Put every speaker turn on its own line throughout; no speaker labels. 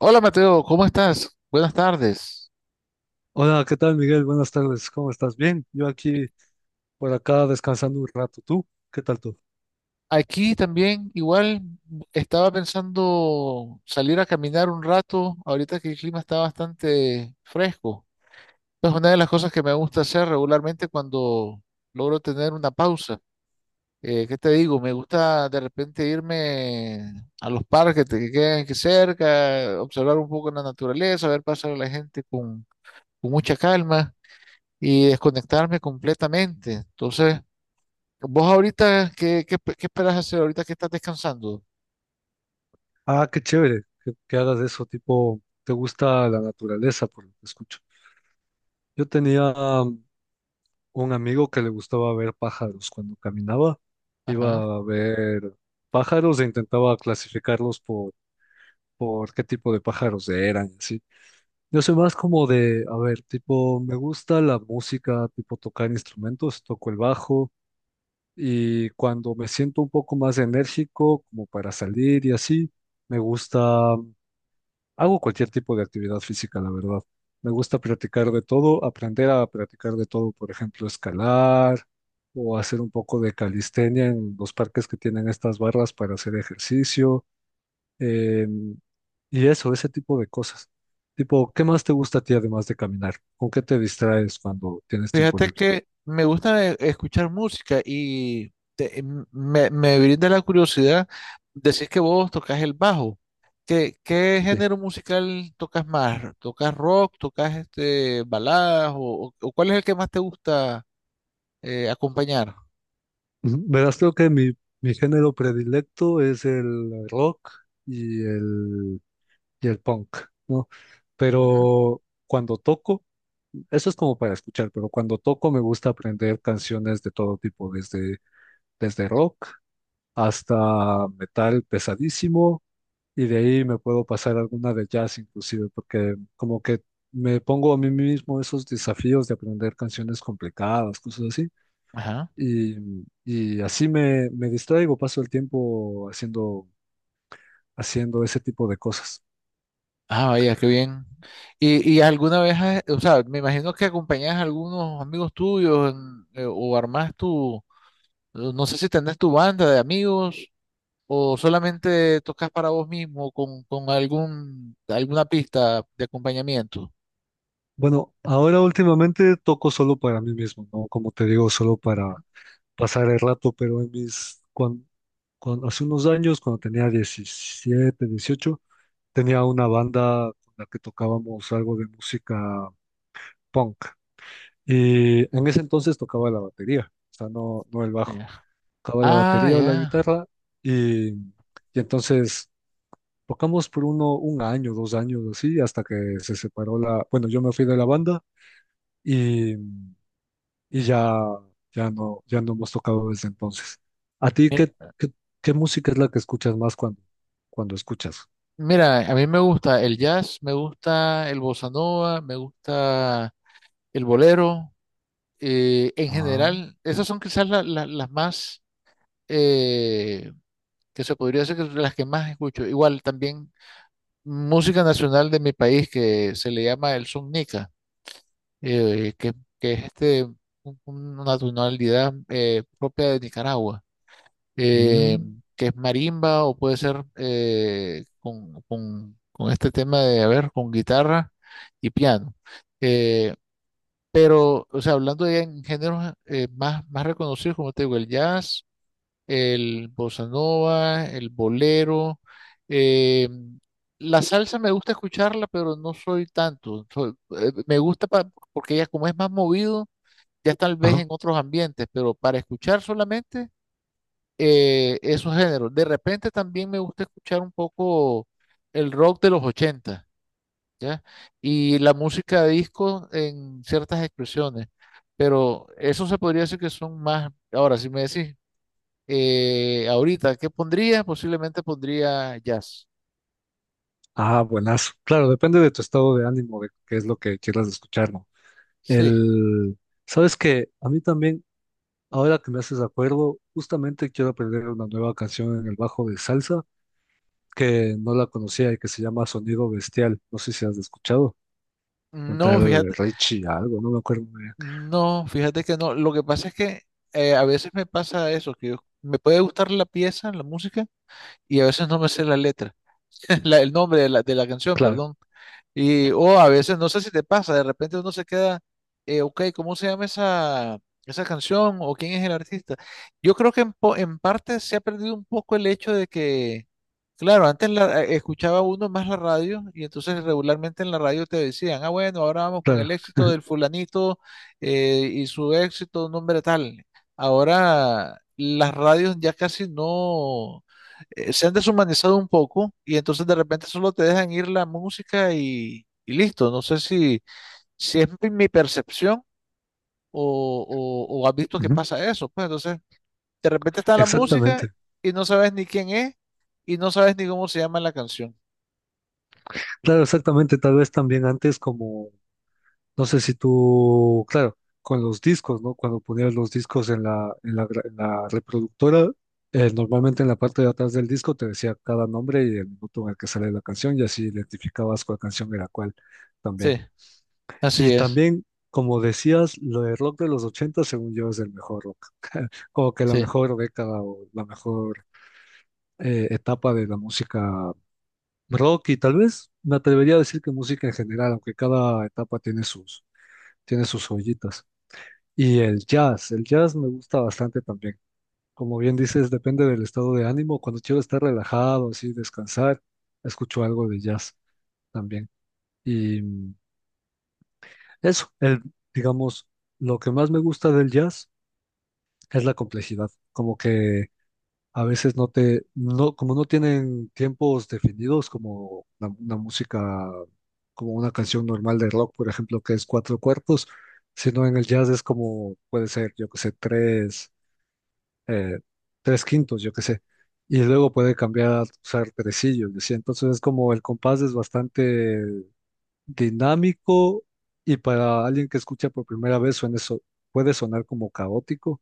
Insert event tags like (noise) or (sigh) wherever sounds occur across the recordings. Hola Mateo, ¿cómo estás? Buenas tardes.
Hola, ¿qué tal, Miguel? Buenas tardes, ¿cómo estás? Bien, yo aquí por acá descansando un rato. ¿Tú? ¿Qué tal tú?
Aquí también igual estaba pensando salir a caminar un rato, ahorita que el clima está bastante fresco. Es una de las cosas que me gusta hacer regularmente cuando logro tener una pausa. ¿Qué te digo? Me gusta de repente irme a los parques que quedan aquí cerca, observar un poco la naturaleza, ver pasar a la gente con mucha calma y desconectarme completamente. Entonces... Vos ahorita, ¿ qué esperas hacer ahorita que estás descansando?
Ah, qué chévere que hagas eso, tipo, te gusta la naturaleza, por lo que escucho. Yo tenía um, un amigo que le gustaba ver pájaros cuando caminaba,
Ajá.
iba a ver pájaros e intentaba clasificarlos por qué tipo de pájaros eran, ¿sí? Yo soy más como de, a ver, tipo, me gusta la música, tipo tocar instrumentos, toco el bajo. Y cuando me siento un poco más enérgico, como para salir y así, me gusta, hago cualquier tipo de actividad física, la verdad. Me gusta practicar de todo, aprender a practicar de todo, por ejemplo, escalar o hacer un poco de calistenia en los parques que tienen estas barras para hacer ejercicio. eh, y eso, ese tipo de cosas. Tipo, ¿qué más te gusta a ti además de caminar? ¿Con qué te distraes cuando tienes tiempo
Fíjate
libre?
que me gusta escuchar música y me brinda la curiosidad. Decís que vos tocas el bajo. ¿ qué
Sí.
género musical tocas más? ¿Tocas rock? ¿Tocas este baladas? ¿ o cuál es el que más te gusta acompañar?
Verás, creo que mi género predilecto es el rock y el, y el punk, ¿no?
Ujú.
Pero cuando toco, eso es como para escuchar, pero cuando toco me gusta aprender canciones de todo tipo, desde rock hasta metal pesadísimo, y de ahí me puedo pasar alguna de jazz inclusive, porque como que me pongo a mí mismo esos desafíos de aprender canciones complicadas, cosas así.
Ajá.
Y, y así me distraigo, paso el tiempo haciendo ese tipo de cosas.
Ah, vaya, qué bien. ¿ y alguna vez, o sea, me imagino que acompañas a algunos amigos tuyos o armás tu, no sé si tenés tu banda de amigos o solamente tocas para vos mismo con algún, alguna pista de acompañamiento?
Bueno, ahora últimamente toco solo para mí mismo, ¿no? Como te digo, solo
Ujú.
para pasar el rato, pero en mis, cuan- cuan- hace unos años, cuando tenía 17 18 tenía una banda con la que tocábamos algo de música punk. Y en ese entonces tocaba la batería, o sea, no, no el bajo.
Ya.
Tocaba la
Ah,
batería o la
ya.
guitarra y... Y entonces tocamos por un año, 2 años, así, hasta que se separó la, bueno, yo me fui de la banda y, y ya no, ya no hemos tocado desde entonces. ¿A ti
Mir-
qué música es la que escuchas más cuando escuchas?
Mira, a mí me gusta el jazz, me gusta el bossa nova, me gusta el bolero. En
Ah,
general, esas son quizás las más... eh, que se podría decir que es de las que más escucho. Igual también música nacional de mi país que se le llama el son nica, eh, que, que es este, una tonalidad propia de Nicaragua, eh,
mm,
que es marimba o puede ser con este tema de, a ver, con guitarra y piano. Eh, pero, o sea, hablando de en géneros más reconocidos, como te digo, el jazz, el bossa nova, el bolero. eh, la salsa me gusta escucharla, pero no soy tanto. Me gusta porque ella como es más movido, ya tal vez en
ajá.
otros ambientes, pero para escuchar solamente esos géneros. De repente también me gusta escuchar un poco el rock de los ochenta, ¿ya? Y la música de disco en ciertas expresiones, pero eso se podría decir que son más, ahora si me decís, ahorita, ¿qué pondría? Posiblemente pondría jazz.
Ah, buenazo. Claro, depende de tu estado de ánimo, de qué es lo que quieras escuchar, ¿no?
Sí.
El, sabes que a mí también, ahora que me haces de acuerdo, justamente quiero aprender una nueva canción en el bajo de salsa que no la conocía y que se llama Sonido Bestial. No sé si has escuchado. Un
No,
tal
fíjate,
Richie, algo, no me acuerdo muy bien.
no, fíjate que no. Lo que pasa es que a veces me pasa eso, me puede gustar la pieza, la música, y a veces no me sé la letra. (laughs) El nombre de de la canción,
Claro,
perdón. Y, o a veces, no sé si te pasa, de repente uno se queda, ok, ¿cómo se llama esa, esa canción? ¿O quién es el artista? Yo creo que en parte se ha perdido un poco el hecho de que, claro, antes escuchaba uno más la radio y entonces regularmente en la radio te decían, ah, bueno, ahora vamos con el
claro.
éxito
(laughs)
del fulanito y su éxito, un nombre tal. Ahora las radios ya casi no se han deshumanizado un poco y entonces de repente solo te dejan ir la música y listo. No sé si, si es mi percepción o, o has visto que
Ujú.
pasa eso. Pues entonces de repente está la música
Exactamente.
y no sabes ni quién es y no sabes ni cómo se llama la canción.
Claro, exactamente. Tal vez también antes como, no sé si tú, claro, con los discos, ¿no? Cuando ponías los discos en la reproductora, normalmente en la parte de atrás del disco te decía cada nombre y el minuto en el que sale la canción y así identificabas cuál canción era cuál también.
Sí,
Y
así es.
también, como decías, lo de rock de los 80 según yo, es el mejor rock. (laughs) Como que la
Sí.
mejor década o la mejor etapa de la música rock. Y tal vez me atrevería a decir que música en general, aunque cada etapa tiene sus joyitas. Y el jazz me gusta bastante también. Como bien dices, depende del estado de ánimo. Cuando quiero estar relajado, así, descansar, escucho algo de jazz también. Y eso, el, digamos, lo que más me gusta del jazz es la complejidad, como que a veces no te, no, como no tienen tiempos definidos, como una, música, como una canción normal de rock, por ejemplo, que es cuatro cuartos, sino en el jazz es como, puede ser, yo que sé, tres, eh, tres quintos, yo que sé, y luego puede cambiar a usar tresillos, ¿sí? Entonces es como el compás es bastante dinámico y para alguien que escucha por primera vez suena eso, puede sonar como caótico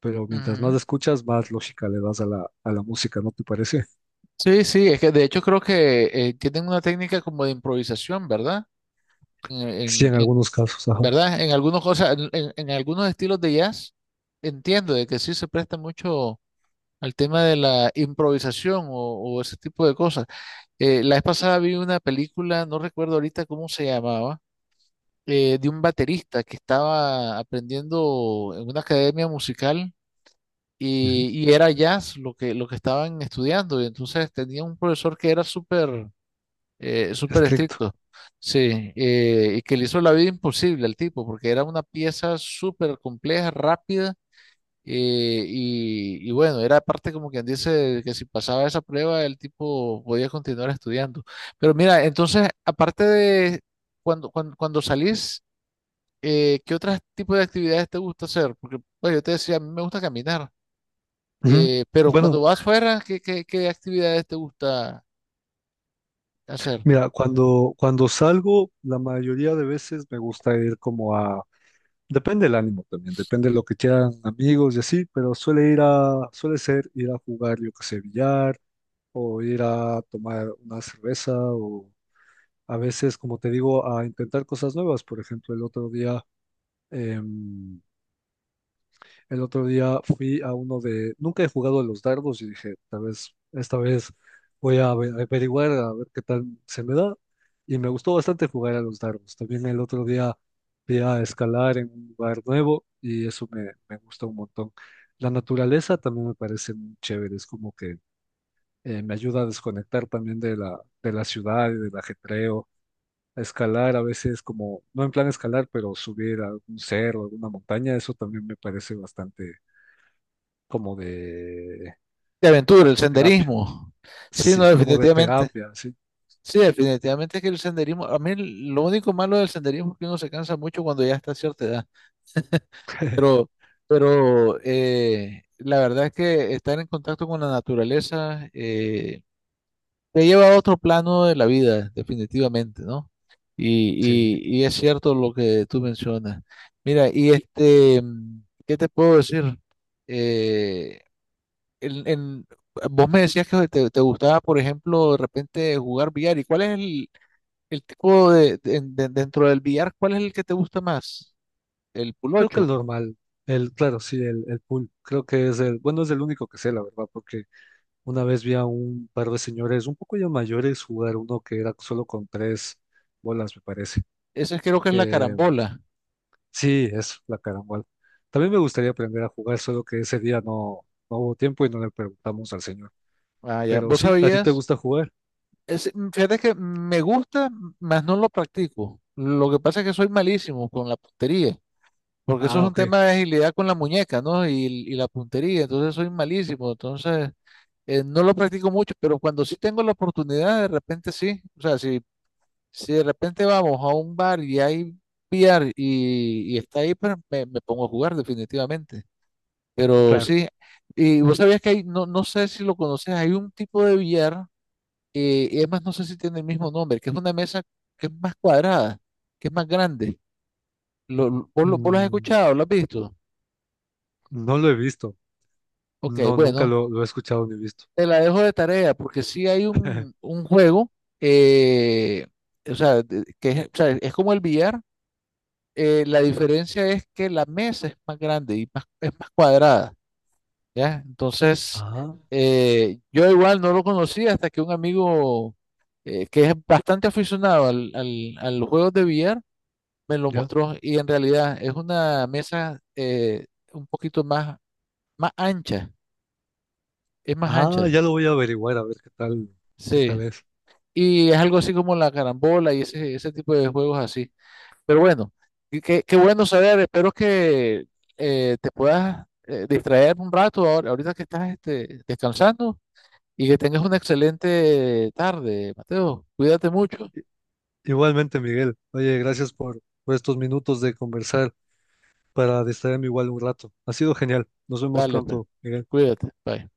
pero mientras más
Ujú.
escuchas, más lógica le das a la música, ¿no te parece? (laughs)
Sí, sí, es que de hecho creo que tienen una técnica como de improvisación, ¿verdad? en,
Sí,
en-
en
en-
algunos casos, ajá.
¿Verdad? En algunas cosas, en algunos estilos de jazz, entiendo de que sí se presta mucho al tema de la improvisación o ese tipo de cosas. La vez pasada vi una película, no recuerdo ahorita cómo se llamaba, de un baterista que estaba aprendiendo en una academia musical
Ujú.
y era jazz lo que estaban estudiando. Y entonces tenía un profesor que era súper súper
Estricto.
estricto. Sí, y que le hizo la vida imposible al tipo, porque era una pieza súper compleja, rápida, y bueno, era parte como quien dice que si pasaba esa prueba, el tipo podía continuar estudiando. Pero mira, entonces, aparte de cuando salís, ¿qué otros tipos de actividades te gusta hacer? Porque, pues, yo te decía, a mí me gusta caminar,
Ujú.
pero cuando
Bueno,
vas fuera, ¿ qué actividades te gusta hacer?
mira, cuando salgo, la mayoría de veces me gusta ir como a, depende del ánimo también, depende de lo que quieran amigos y así, pero suele ser ir a jugar, yo que sé, billar, o ir a tomar una cerveza, o a veces, como te digo, a intentar cosas nuevas. Por ejemplo, em, El otro día, fui a uno de... Nunca he jugado a los dardos y dije, tal vez, esta vez voy a averiguar a ver qué tal se me da. Y me gustó bastante jugar a los dardos. También el otro día fui a escalar en un lugar nuevo y eso me gustó un montón. La naturaleza también me parece muy chévere. Es como que me ayuda a desconectar también de la ciudad y del ajetreo. A escalar a veces como, no en plan escalar, pero subir a un cerro, alguna montaña, eso también me parece bastante como de
De aventura, el
terapia.
senderismo. Sí, no,
Sí, como de
definitivamente.
terapia, sí.
Sí, definitivamente es que el senderismo, a mí lo único malo del senderismo es que uno se cansa mucho cuando ya está a cierta edad,
(laughs)
pero, pero la verdad es que estar en contacto con la naturaleza te lleva a otro plano de la vida, definitivamente, ¿no?
Sí,
Y es cierto lo que tú mencionas. Mira, y este, ¿qué te puedo decir? Eh, en- en- Vos me decías que te gustaba, por ejemplo, de repente jugar billar. ¿Y cuál es el tipo de dentro del billar, cuál es el que te gusta más? El
creo que el
pulocho.
normal, el, claro, sí, el pool, creo que es el, bueno, es el único que sé, la verdad, porque una vez vi a un par de señores un poco ya mayores jugar uno que era solo con tres bolas, me parece,
Ese creo que es la
que
carambola.
sí, es la carambola. También me gustaría aprender a jugar, solo que ese día no, no hubo tiempo y no le preguntamos al señor.
Ah, ya.
Pero
¿Vos
sí, ¿a ti te
sabías?
gusta jugar?
Es mm, fíjate que me gusta, mas no lo practico. Lo que pasa es que soy malísimo con la puntería, porque eso es
Ah,
un
ok,
tema de agilidad con la muñeca, ¿no? Y la puntería, entonces soy malísimo. Entonces, no lo practico mucho, pero cuando sí tengo la oportunidad, de repente sí. O sea, si si de repente vamos a un bar y hay VR y está ahí, pues me pongo a jugar definitivamente. Pero
claro.
sí, y vos sabías que hay, no, no sé si lo conoces, hay un tipo de VR, y además no sé si tiene el mismo nombre, que es una mesa que es más cuadrada, que es más grande. ¿Vos, vos lo has
Mm,
escuchado? ¿Lo has visto?
no lo he visto.
Ok,
No, nunca
bueno,
lo he escuchado ni visto.
te la dejo de tarea porque sí hay
(laughs)
un juego, eh, o sea, que es, o sea, es como el VR, la diferencia es que la mesa es más grande y más, es más cuadrada, ¿ya? Entonces,
Ah,
yo igual no lo conocía hasta que un amigo que es bastante aficionado al, al, a los juegos de billar me lo
ya.
mostró y en realidad es una mesa un poquito más, más ancha, es más
Ah,
ancha,
ya lo voy a averiguar a ver qué tal
sí.
es.
Y es algo así como la carambola y ese tipo de juegos así. Pero bueno, y qué, qué bueno saber. Espero que te puedas distraer un rato ahorita que estás este, descansando y que tengas una excelente tarde, Mateo. Cuídate mucho.
I- Igualmente, Miguel. Oye, gracias por estos minutos de conversar para distraerme igual un rato. Ha sido genial. Nos vemos
Dale, pues.
pronto, Miguel.
Cuídate. Bye.